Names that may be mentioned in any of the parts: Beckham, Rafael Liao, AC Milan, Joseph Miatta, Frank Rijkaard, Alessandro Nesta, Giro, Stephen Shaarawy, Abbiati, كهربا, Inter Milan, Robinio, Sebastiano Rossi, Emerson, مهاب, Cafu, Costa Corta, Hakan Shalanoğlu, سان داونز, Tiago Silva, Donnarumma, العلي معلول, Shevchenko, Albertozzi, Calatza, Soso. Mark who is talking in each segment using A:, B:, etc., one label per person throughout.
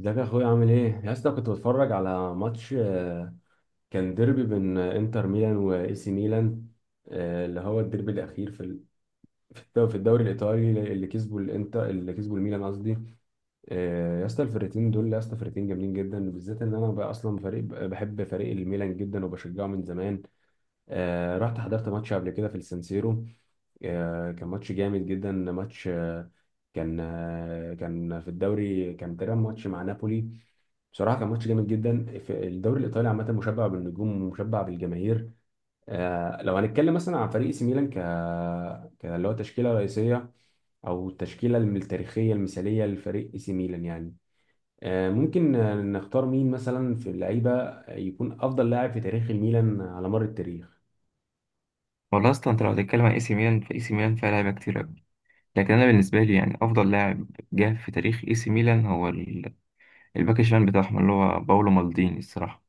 A: ازيك يا اخويا عامل ايه؟ يا اسطى كنت بتفرج على ماتش. كان ديربي بين انتر ميلان واي سي ميلان. اللي هو الديربي الاخير في الدوري الايطالي، اللي كسبوا الانتر، اللي كسبوا الميلان قصدي. يا اسطى الفرقتين دول، يا اسطى فرقتين جامدين جدا، بالذات ان انا بقى اصلا فريق، بحب فريق الميلان جدا وبشجعه من زمان. رحت حضرت ماتش قبل كده في السانسيرو. كان ماتش جامد جدا، ماتش. كان في الدوري، كان تقريبا ماتش مع نابولي. بصراحة كان ماتش جامد جدا، في الدوري الإيطالي عامة مشبع بالنجوم ومشبع بالجماهير. لو هنتكلم مثلا عن فريق سي ميلان، اللي هو تشكيلة رئيسية أو التشكيلة التاريخية المثالية لفريق سي ميلان يعني. ممكن نختار مين مثلا في اللعيبة يكون أفضل لاعب في تاريخ الميلان على مر التاريخ.
B: والله اصلا انت لو هتتكلم عن اي سي ميلان فاي سي ميلان فيها لعيبه كتير قوي. لكن انا بالنسبه لي يعني افضل لاعب جه في تاريخ اي سي ميلان هو الباك الشمال بتاعهم اللي هو باولو مالديني الصراحه.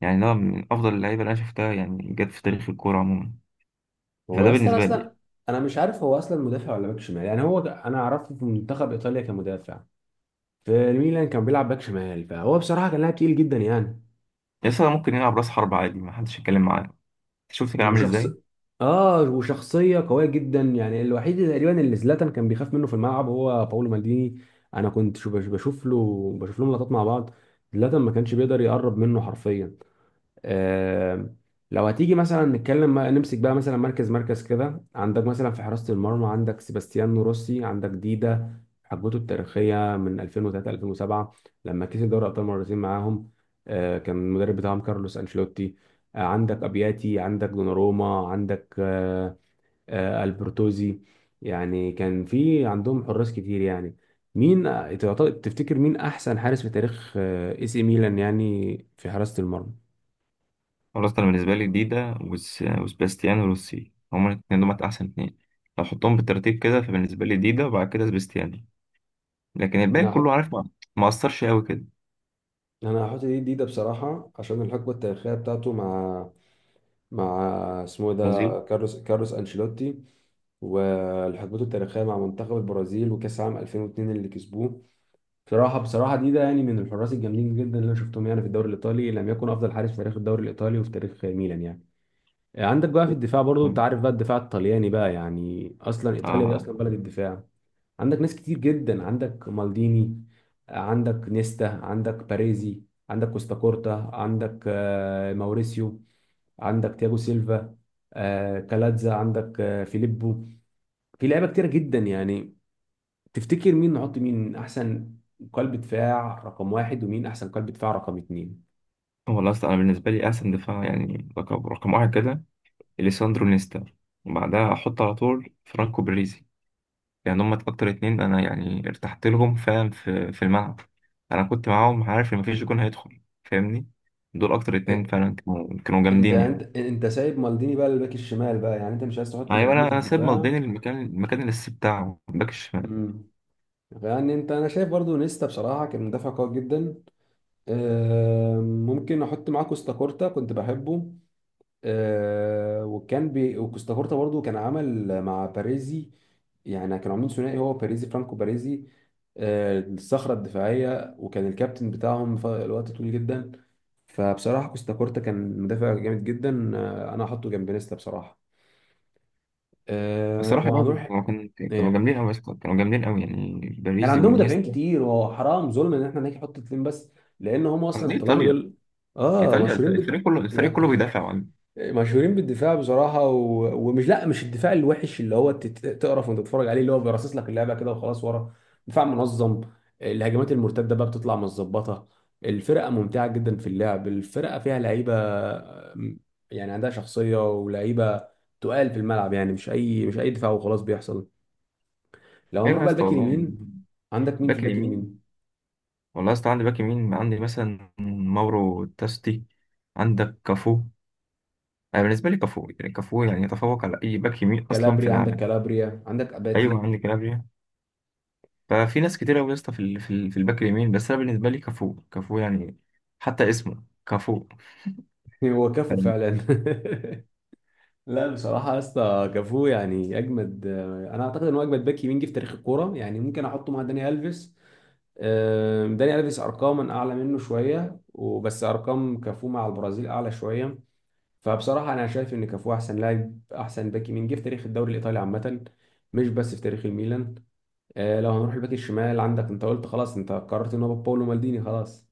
B: يعني ده من افضل اللعيبه اللي انا شفتها يعني جت في تاريخ الكوره عموما.
A: هو
B: فده
A: اصلا
B: بالنسبه لي
A: اصلا انا مش عارف، هو اصلا مدافع ولا باك شمال يعني، انا عرفته في منتخب ايطاليا كمدافع. في الميلان كان بيلعب باك شمال، فهو بصراحه كان لاعب تقيل جدا يعني.
B: لسه ممكن يلعب راس حرب عادي، ما حدش يتكلم معاه. شفت كان عامل
A: وشخص
B: ازاي.
A: اه وشخصيه قويه جدا، يعني الوحيد اللي تقريبا اللي زلاتان كان بيخاف منه في الملعب هو باولو مالديني. انا كنت بشوف لهم لقطات مع بعض، زلاتان ما كانش بيقدر يقرب منه حرفيا. آه، لو هتيجي مثلا نتكلم، نمسك بقى مثلا مركز كده، عندك مثلا في حراسة المرمى عندك سيباستيانو روسي، عندك ديدا حقبته التاريخية من 2003 2007، لما كسب دوري أبطال مرتين معاهم. كان المدرب بتاعهم كارلوس أنشيلوتي. عندك أبياتي، عندك دوناروما، عندك ألبرتوزي. يعني كان في عندهم حراس كتير يعني. مين تفتكر مين أحسن حارس في تاريخ اي سي ميلان، يعني في حراسة المرمى؟
B: خلاص انا بالنسبه لي ديدا وسباستيانو روسي هما الاثنين دول احسن اثنين. لو حطهم بالترتيب كده فبالنسبه لي ديدا وبعد كده سباستيانو، لكن الباقي
A: انا
B: كله
A: هحط
B: عارف ما اثرش قوي كده.
A: انا هحط دي جديده بصراحه، عشان الحقبه التاريخيه بتاعته مع مع اسمه إيه ده،
B: برازيل.
A: كارلوس انشيلوتي، والحقبته التاريخيه مع منتخب البرازيل وكاس عام 2002 اللي كسبوه. بصراحه ده يعني من الحراس الجامدين جدا اللي انا شفتهم يعني في الدوري الايطالي، لم يكن افضل حارس في تاريخ الدوري الايطالي وفي تاريخ ميلان يعني. عندك بقى في الدفاع، برضو انت عارف بقى الدفاع الطلياني بقى يعني، اصلا ايطاليا دي
B: آه،
A: اصلا بلد الدفاع. عندك ناس كتير جدا، عندك مالديني، عندك نيستا، عندك باريزي، عندك كوستا كورتا، عندك ماوريسيو، عندك تياجو سيلفا، كالاتزا، عندك فيليبو، في لعيبه كتيره جدا يعني. تفتكر مين نحط، مين احسن قلب دفاع رقم واحد، ومين احسن قلب دفاع رقم اتنين؟
B: هو الأصل أنا بالنسبة لي أحسن دفاع يعني رقم واحد كده إليساندرو نيستا، وبعدها أحط على طول فرانكو باريزي. يعني هما أكتر اتنين أنا يعني ارتحت لهم، فاهم في الملعب. أنا كنت معاهم عارف إن مفيش جون هيدخل، فاهمني. دول أكتر اتنين
A: إيه،
B: فعلا كانوا
A: انت
B: جامدين يعني.
A: انت انت سايب مالديني بقى للباك الشمال بقى، يعني انت مش عايز تحط
B: أيوة،
A: مالديني
B: أنا
A: في
B: أنا سيب مصدين
A: الدفاع؟
B: المكان الأساسي بتاعه الباك الشمال.
A: امم يعني انا شايف برضو نيستا بصراحه كان مدافع قوي جدا. ممكن احط معاه كوستاكورتا، كنت بحبه. آه، وكان بي وكوستاكورتا برضو كان عمل مع باريزي، يعني كانوا عاملين ثنائي، هو باريزي، فرانكو باريزي، الصخرة الدفاعية، وكان الكابتن بتاعهم في الوقت طويل جدا. فبصراحة كوستاكورتا كان مدافع جامد جدا، انا هحطه جنب نيستا بصراحة.
B: الصراحة
A: لو
B: برضه
A: هنروح.
B: هو كان كانوا
A: إيه.
B: جامدين أوي يا اسطى، كانوا جامدين أوي يعني
A: كان
B: باريزي
A: عندهم مدافعين
B: ونيستا.
A: كتير، وهو حرام ظلم ان احنا نيجي نحط اتنين بس، لان هم اصلا
B: قصدي
A: الطلاينة
B: إيطاليا.
A: دول اه
B: إيطاليا
A: مشهورين بال
B: الفريق كله بيدافع.
A: مشهورين بالدفاع بصراحة. ومش، لا مش الدفاع الوحش اللي هو تقرف وانت تتفرج عليه، اللي هو بيرصص لك اللعبة كده وخلاص ورا. دفاع منظم، الهجمات المرتدة بقى بتطلع متظبطة، الفرقة ممتعة جدا في اللعب، الفرقة فيها لعيبة، م- يعني عندها شخصية ولعيبة تقال في الملعب، يعني مش أي دفاع وخلاص بيحصل. لو
B: ايوه
A: هنروح
B: يا
A: بقى
B: اسطى
A: الباك
B: والله يعني.
A: اليمين، عندك مين في
B: باك
A: الباك
B: اليمين.
A: اليمين؟
B: والله يا اسطى عندي باك يمين، عندي مثلا ماورو تاستي، عندك كافو. انا بالنسبه لي كافو يعني، كافو يعني يتفوق على اي باك يمين اصلا في
A: كالابريا، عندك
B: العالم.
A: كالابريا، عندك
B: ايوه
A: أباتي.
B: عندي كلابريا. ففي ناس كتير قوي يا اسطى في في الباك اليمين، بس انا بالنسبه لي كافو يعني. حتى اسمه كافو.
A: هو كفو فعلا. لا بصراحة يا اسطى، كافو يعني أجمد. أنا أعتقد إن هو أجمد باك يمين جه في تاريخ الكورة يعني، ممكن أحطه مع داني ألفيس. داني ألفيس أرقاما أعلى منه شوية، وبس أرقام كافو مع البرازيل أعلى شوية. فبصراحة أنا شايف إن كافو أحسن باك يمين جه في تاريخ الدوري الإيطالي عامة، مش بس في تاريخ الميلان. لو هنروح الباك الشمال، عندك، أنت قلت خلاص، أنت قررت إن هو باولو مالديني، خلاص.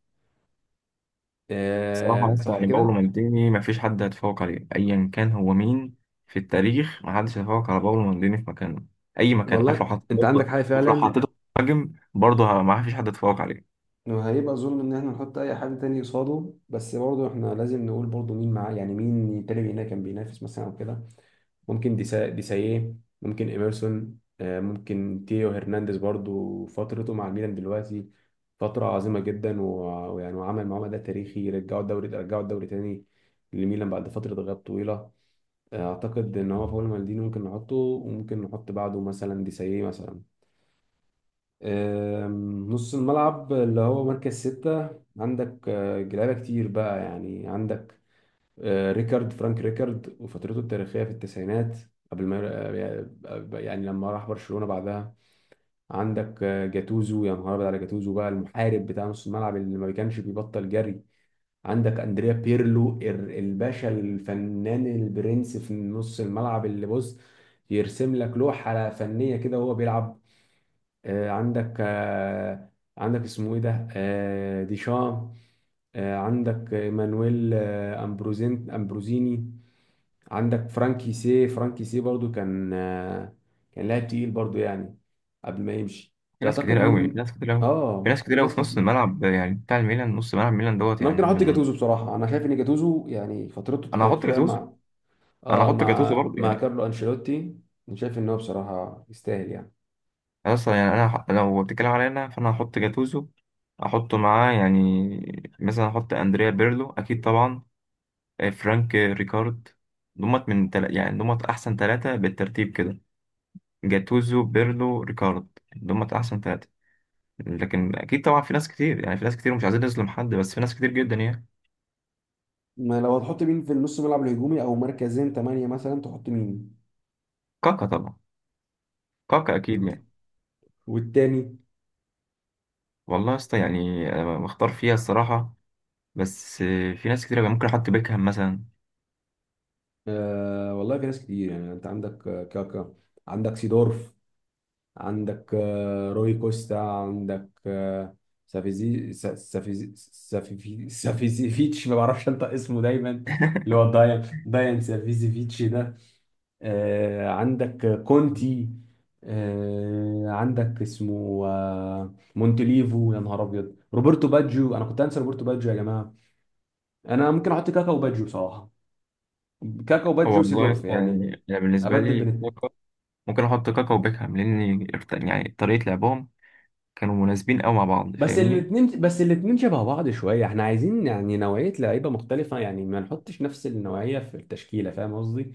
B: صراحة يا اسطى
A: صح
B: يعني باولو
A: كده؟
B: مالديني مفيش حد هيتفوق عليه أيا كان هو مين. في التاريخ محدش هيتفوق على باولو مالديني في مكانه. أي مكان، عارف، لو
A: والله
B: حطيت
A: أنت عندك
B: برضه.
A: حاجة
B: شوف لو
A: فعلا،
B: حطيته مهاجم برضه مفيش حد هيتفوق عليه.
A: وهيبقى ظلم ان احنا نحط اي حد تاني قصاده، بس برضه احنا لازم نقول برضه مين معاه يعني، مين تاني هنا كان بينافس مثلا او كده. ممكن ديسايه، ممكن ايمرسون، ممكن تيو هرنانديز، برضه فترته مع الميلان دلوقتي فترة عظيمة جدا، ويعني وعمل معاه ده تاريخي، رجعوا الدوري، رجعوا الدوري تاني لميلان بعد فترة غياب طويلة. اعتقد ان هو فاول مالديني ممكن نحطه، وممكن نحط بعده مثلا ديسايه مثلا. نص الملعب اللي هو مركز ستة، عندك لعيبة كتير بقى يعني، عندك آه، ريكارد فرانك ريكارد وفترته التاريخية في التسعينات، قبل ما يعني لما راح برشلونة بعدها. عندك جاتوزو، يا نهار أبيض على جاتوزو بقى، المحارب بتاع نص الملعب اللي ما كانش بيبطل جري. عندك أندريا بيرلو، الباشا الفنان البرنس في نص الملعب، اللي بص يرسم لك لوحة فنية كده وهو بيلعب. آه، عندك آه، عندك اسمه ايه ده، ديشام. عندك مانويل، امبروزيني. عندك فرانكي سي برضو كان لاعب تقيل برضو يعني. قبل ما يمشي
B: في ناس كتير
A: تعتقد
B: قوي. في
A: مين؟
B: ناس كتير قوي. في
A: اه
B: ناس
A: في
B: كتير قوي
A: ناس
B: في نص
A: كتير.
B: الملعب يعني بتاع الميلان، نص ملعب ميلان دوت
A: انا
B: يعني
A: ممكن احط
B: من.
A: جاتوزو بصراحه، انا شايف ان جاتوزو يعني فترته
B: أنا هحط
A: التاريخيه
B: جاتوزو.
A: مع
B: أنا
A: اه
B: هحط جاتوزو
A: مع
B: برضه
A: مع
B: يعني.
A: كارلو انشيلوتي، انا شايف ان هو بصراحه يستاهل يعني.
B: أصلا يعني أنا لو بتتكلم عليا أنا فأنا هحط جاتوزو. أحطه معاه يعني مثلا أحط أندريا بيرلو أكيد طبعا. آه، فرانك ريكارد. يعني دمت احسن ثلاثة بالترتيب كده: جاتوزو، بيرلو، ريكارد. دمت احسن ثلاثة. لكن اكيد طبعا في ناس كتير، يعني في ناس كتير مش عايزين نظلم حد، بس في ناس كتير جدا يعني.
A: ما لو هتحط مين في النص ملعب الهجومي او مركزين ثمانية مثلا، تحط مين؟
B: كاكا طبعا. كاكا اكيد
A: والت...
B: يعني.
A: والتاني؟
B: والله يا اسطى يعني أنا مختار فيها الصراحة. بس في ناس كتير أوي يعني. ممكن احط بيكهام مثلا.
A: والله في ناس كتير يعني، انت عندك كاكا، عندك سيدورف، عندك روي كوستا، عندك سافيزيفيتش، ما بعرفش انطق اسمه دايما، اللي هو دايان سافيزيفيتش ده. عندك كونتي. عندك اسمه مونتليفو، يا نهار ابيض، روبرتو باجيو، انا كنت انسى روبرتو باجيو يا جماعه. انا ممكن احط كاكا وباجيو بصراحه، كاكا
B: هو
A: وبادجي
B: والله يا
A: وسيدورف
B: اسطى
A: يعني،
B: يعني انا بالنسبة
A: ابدل
B: لي
A: بين.
B: كاكا. ممكن احط كاكا وبيكهام لان يعني طريقة لعبهم كانوا مناسبين قوي مع بعض،
A: بس
B: فاهمني.
A: الاثنين بس الاثنين شبه بعض شويه، احنا عايزين يعني نوعيه لعيبه مختلفه، يعني ما نحطش نفس النوعيه في التشكيله، فاهم قصدي؟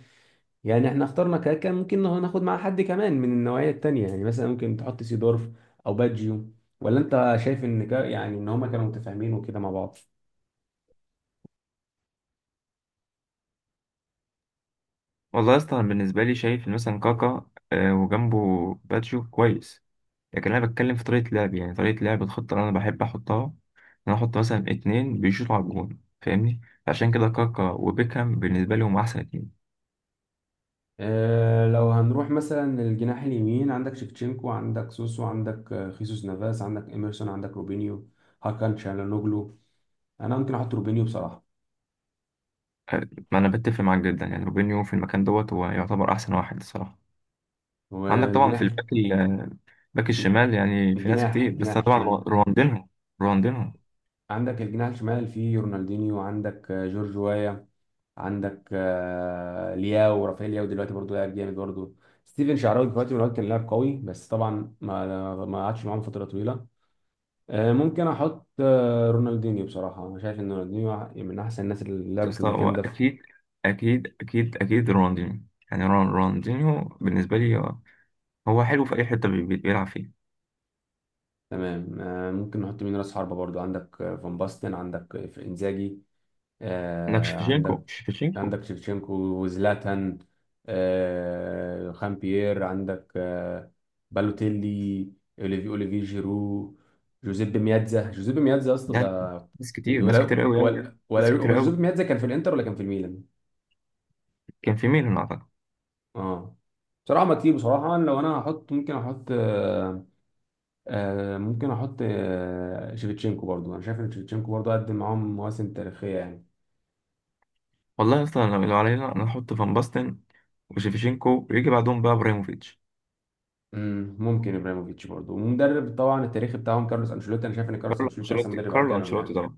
A: يعني احنا اخترنا كاكا، ممكن ناخد معاه حد كمان من النوعيه التانيه، يعني مثلا ممكن تحط سيدورف او بادجيو، ولا انت شايف ان يعني ان هما كانوا متفاهمين وكده مع بعض؟
B: والله يا اسطى أنا بالنسبه لي شايف إن مثلا كاكا، آه، وجنبه باتشو كويس. لكن انا بتكلم في طريقه لعب، يعني طريقه لعب الخطه اللي انا بحب احطها ان انا احط مثلا اتنين بيشوطوا على الجون، فاهمني. عشان كده كاكا وبيكهام بالنسبه لي هم احسن اتنين.
A: اه لو هنروح مثلا للجناح اليمين، عندك شيفتشينكو، عندك سوسو، عندك خيسوس نافاس، عندك ايمرسون، عندك روبينيو، هاكان شالانوجلو. انا ممكن احط روبينيو بصراحه.
B: آه، ما انا بتفق معاك جدا يعني روبينيو في المكان دوت هو يعتبر احسن واحد الصراحه. عندك طبعا في
A: والجناح
B: باك الشمال يعني في ناس
A: الجناح
B: كتير، بس
A: الجناح
B: أنا طبعا
A: الشمال،
B: رونالدينهو. رونالدينهو.
A: عندك الجناح الشمال فيه رونالدينيو، عندك جورج وايا، عندك آه، لياو رافائيل لياو دلوقتي برضه لاعب جامد برضه. ستيفن شعراوي دلوقتي من الوقت كان لاعب قوي، بس طبعا ما قعدش معاهم فتره طويله. ممكن احط رونالدينيو بصراحه، انا شايف ان رونالدينيو من احسن الناس اللي
B: يا
A: لعبوا في
B: اسطى هو
A: المكان ده.
B: اكيد، اكيد رونالدينيو. يعني رونالدينيو بالنسبه لي هو حلو في اي حته بيلعب فيها.
A: تمام. ممكن نحط مين راس حربة برضو، عندك فان باستن، عندك انزاجي.
B: انك شفتشينكو،
A: عندك
B: شفتشينكو
A: شيفتشينكو وزلاتان، خامبيير، عندك بالوتيلي، اوليفي جيرو، جوزيب مياتزا يا اسطى
B: يعني.
A: ده.
B: ناس كتير، ناس كتير
A: ولا
B: قوي، قوي،
A: ولا ولا
B: ناس كتير
A: هو جوزيب
B: قوي.
A: مياتزا كان في الانتر ولا كان في الميلان؟
B: كان في ميلان اعتقد.
A: اه. بصراحة ما كتير. بصراحة أنا، لو هحط ممكن أحط آه آه ممكن أحط آه شيفتشينكو برضو، أنا شايف إن شيفتشينكو برضو قدم معاهم مواسم تاريخية يعني.
B: والله اصلا لو علينا انا احط فان باستن وشيفتشينكو، ويجي بعدهم بقى ابراهيموفيتش.
A: ممكن ابراهيموفيتش برضه، ومدرب طبعا التاريخي بتاعهم كارلوس انشيلوتي، انا شايف ان كارلوس
B: كارلو
A: انشيلوتي احسن
B: انشيلوتي.
A: مدرب على
B: كارلو
A: جالهم
B: انشيلوتي
A: يعني.
B: طبعا.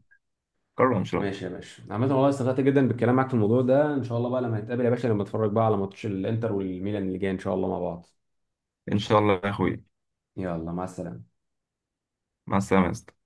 B: كارلو انشيلوتي.
A: ماشي يا باشا، عامة والله استمتعت جدا بالكلام معاك في الموضوع ده، ان شاء الله بقى لما نتقابل يا باشا، لما نتفرج بقى على ماتش الانتر والميلان اللي جاي ان شاء الله مع بعض.
B: ان شاء الله يا اخوي.
A: يلا مع السلامة.
B: مع السلامه يا اسطى.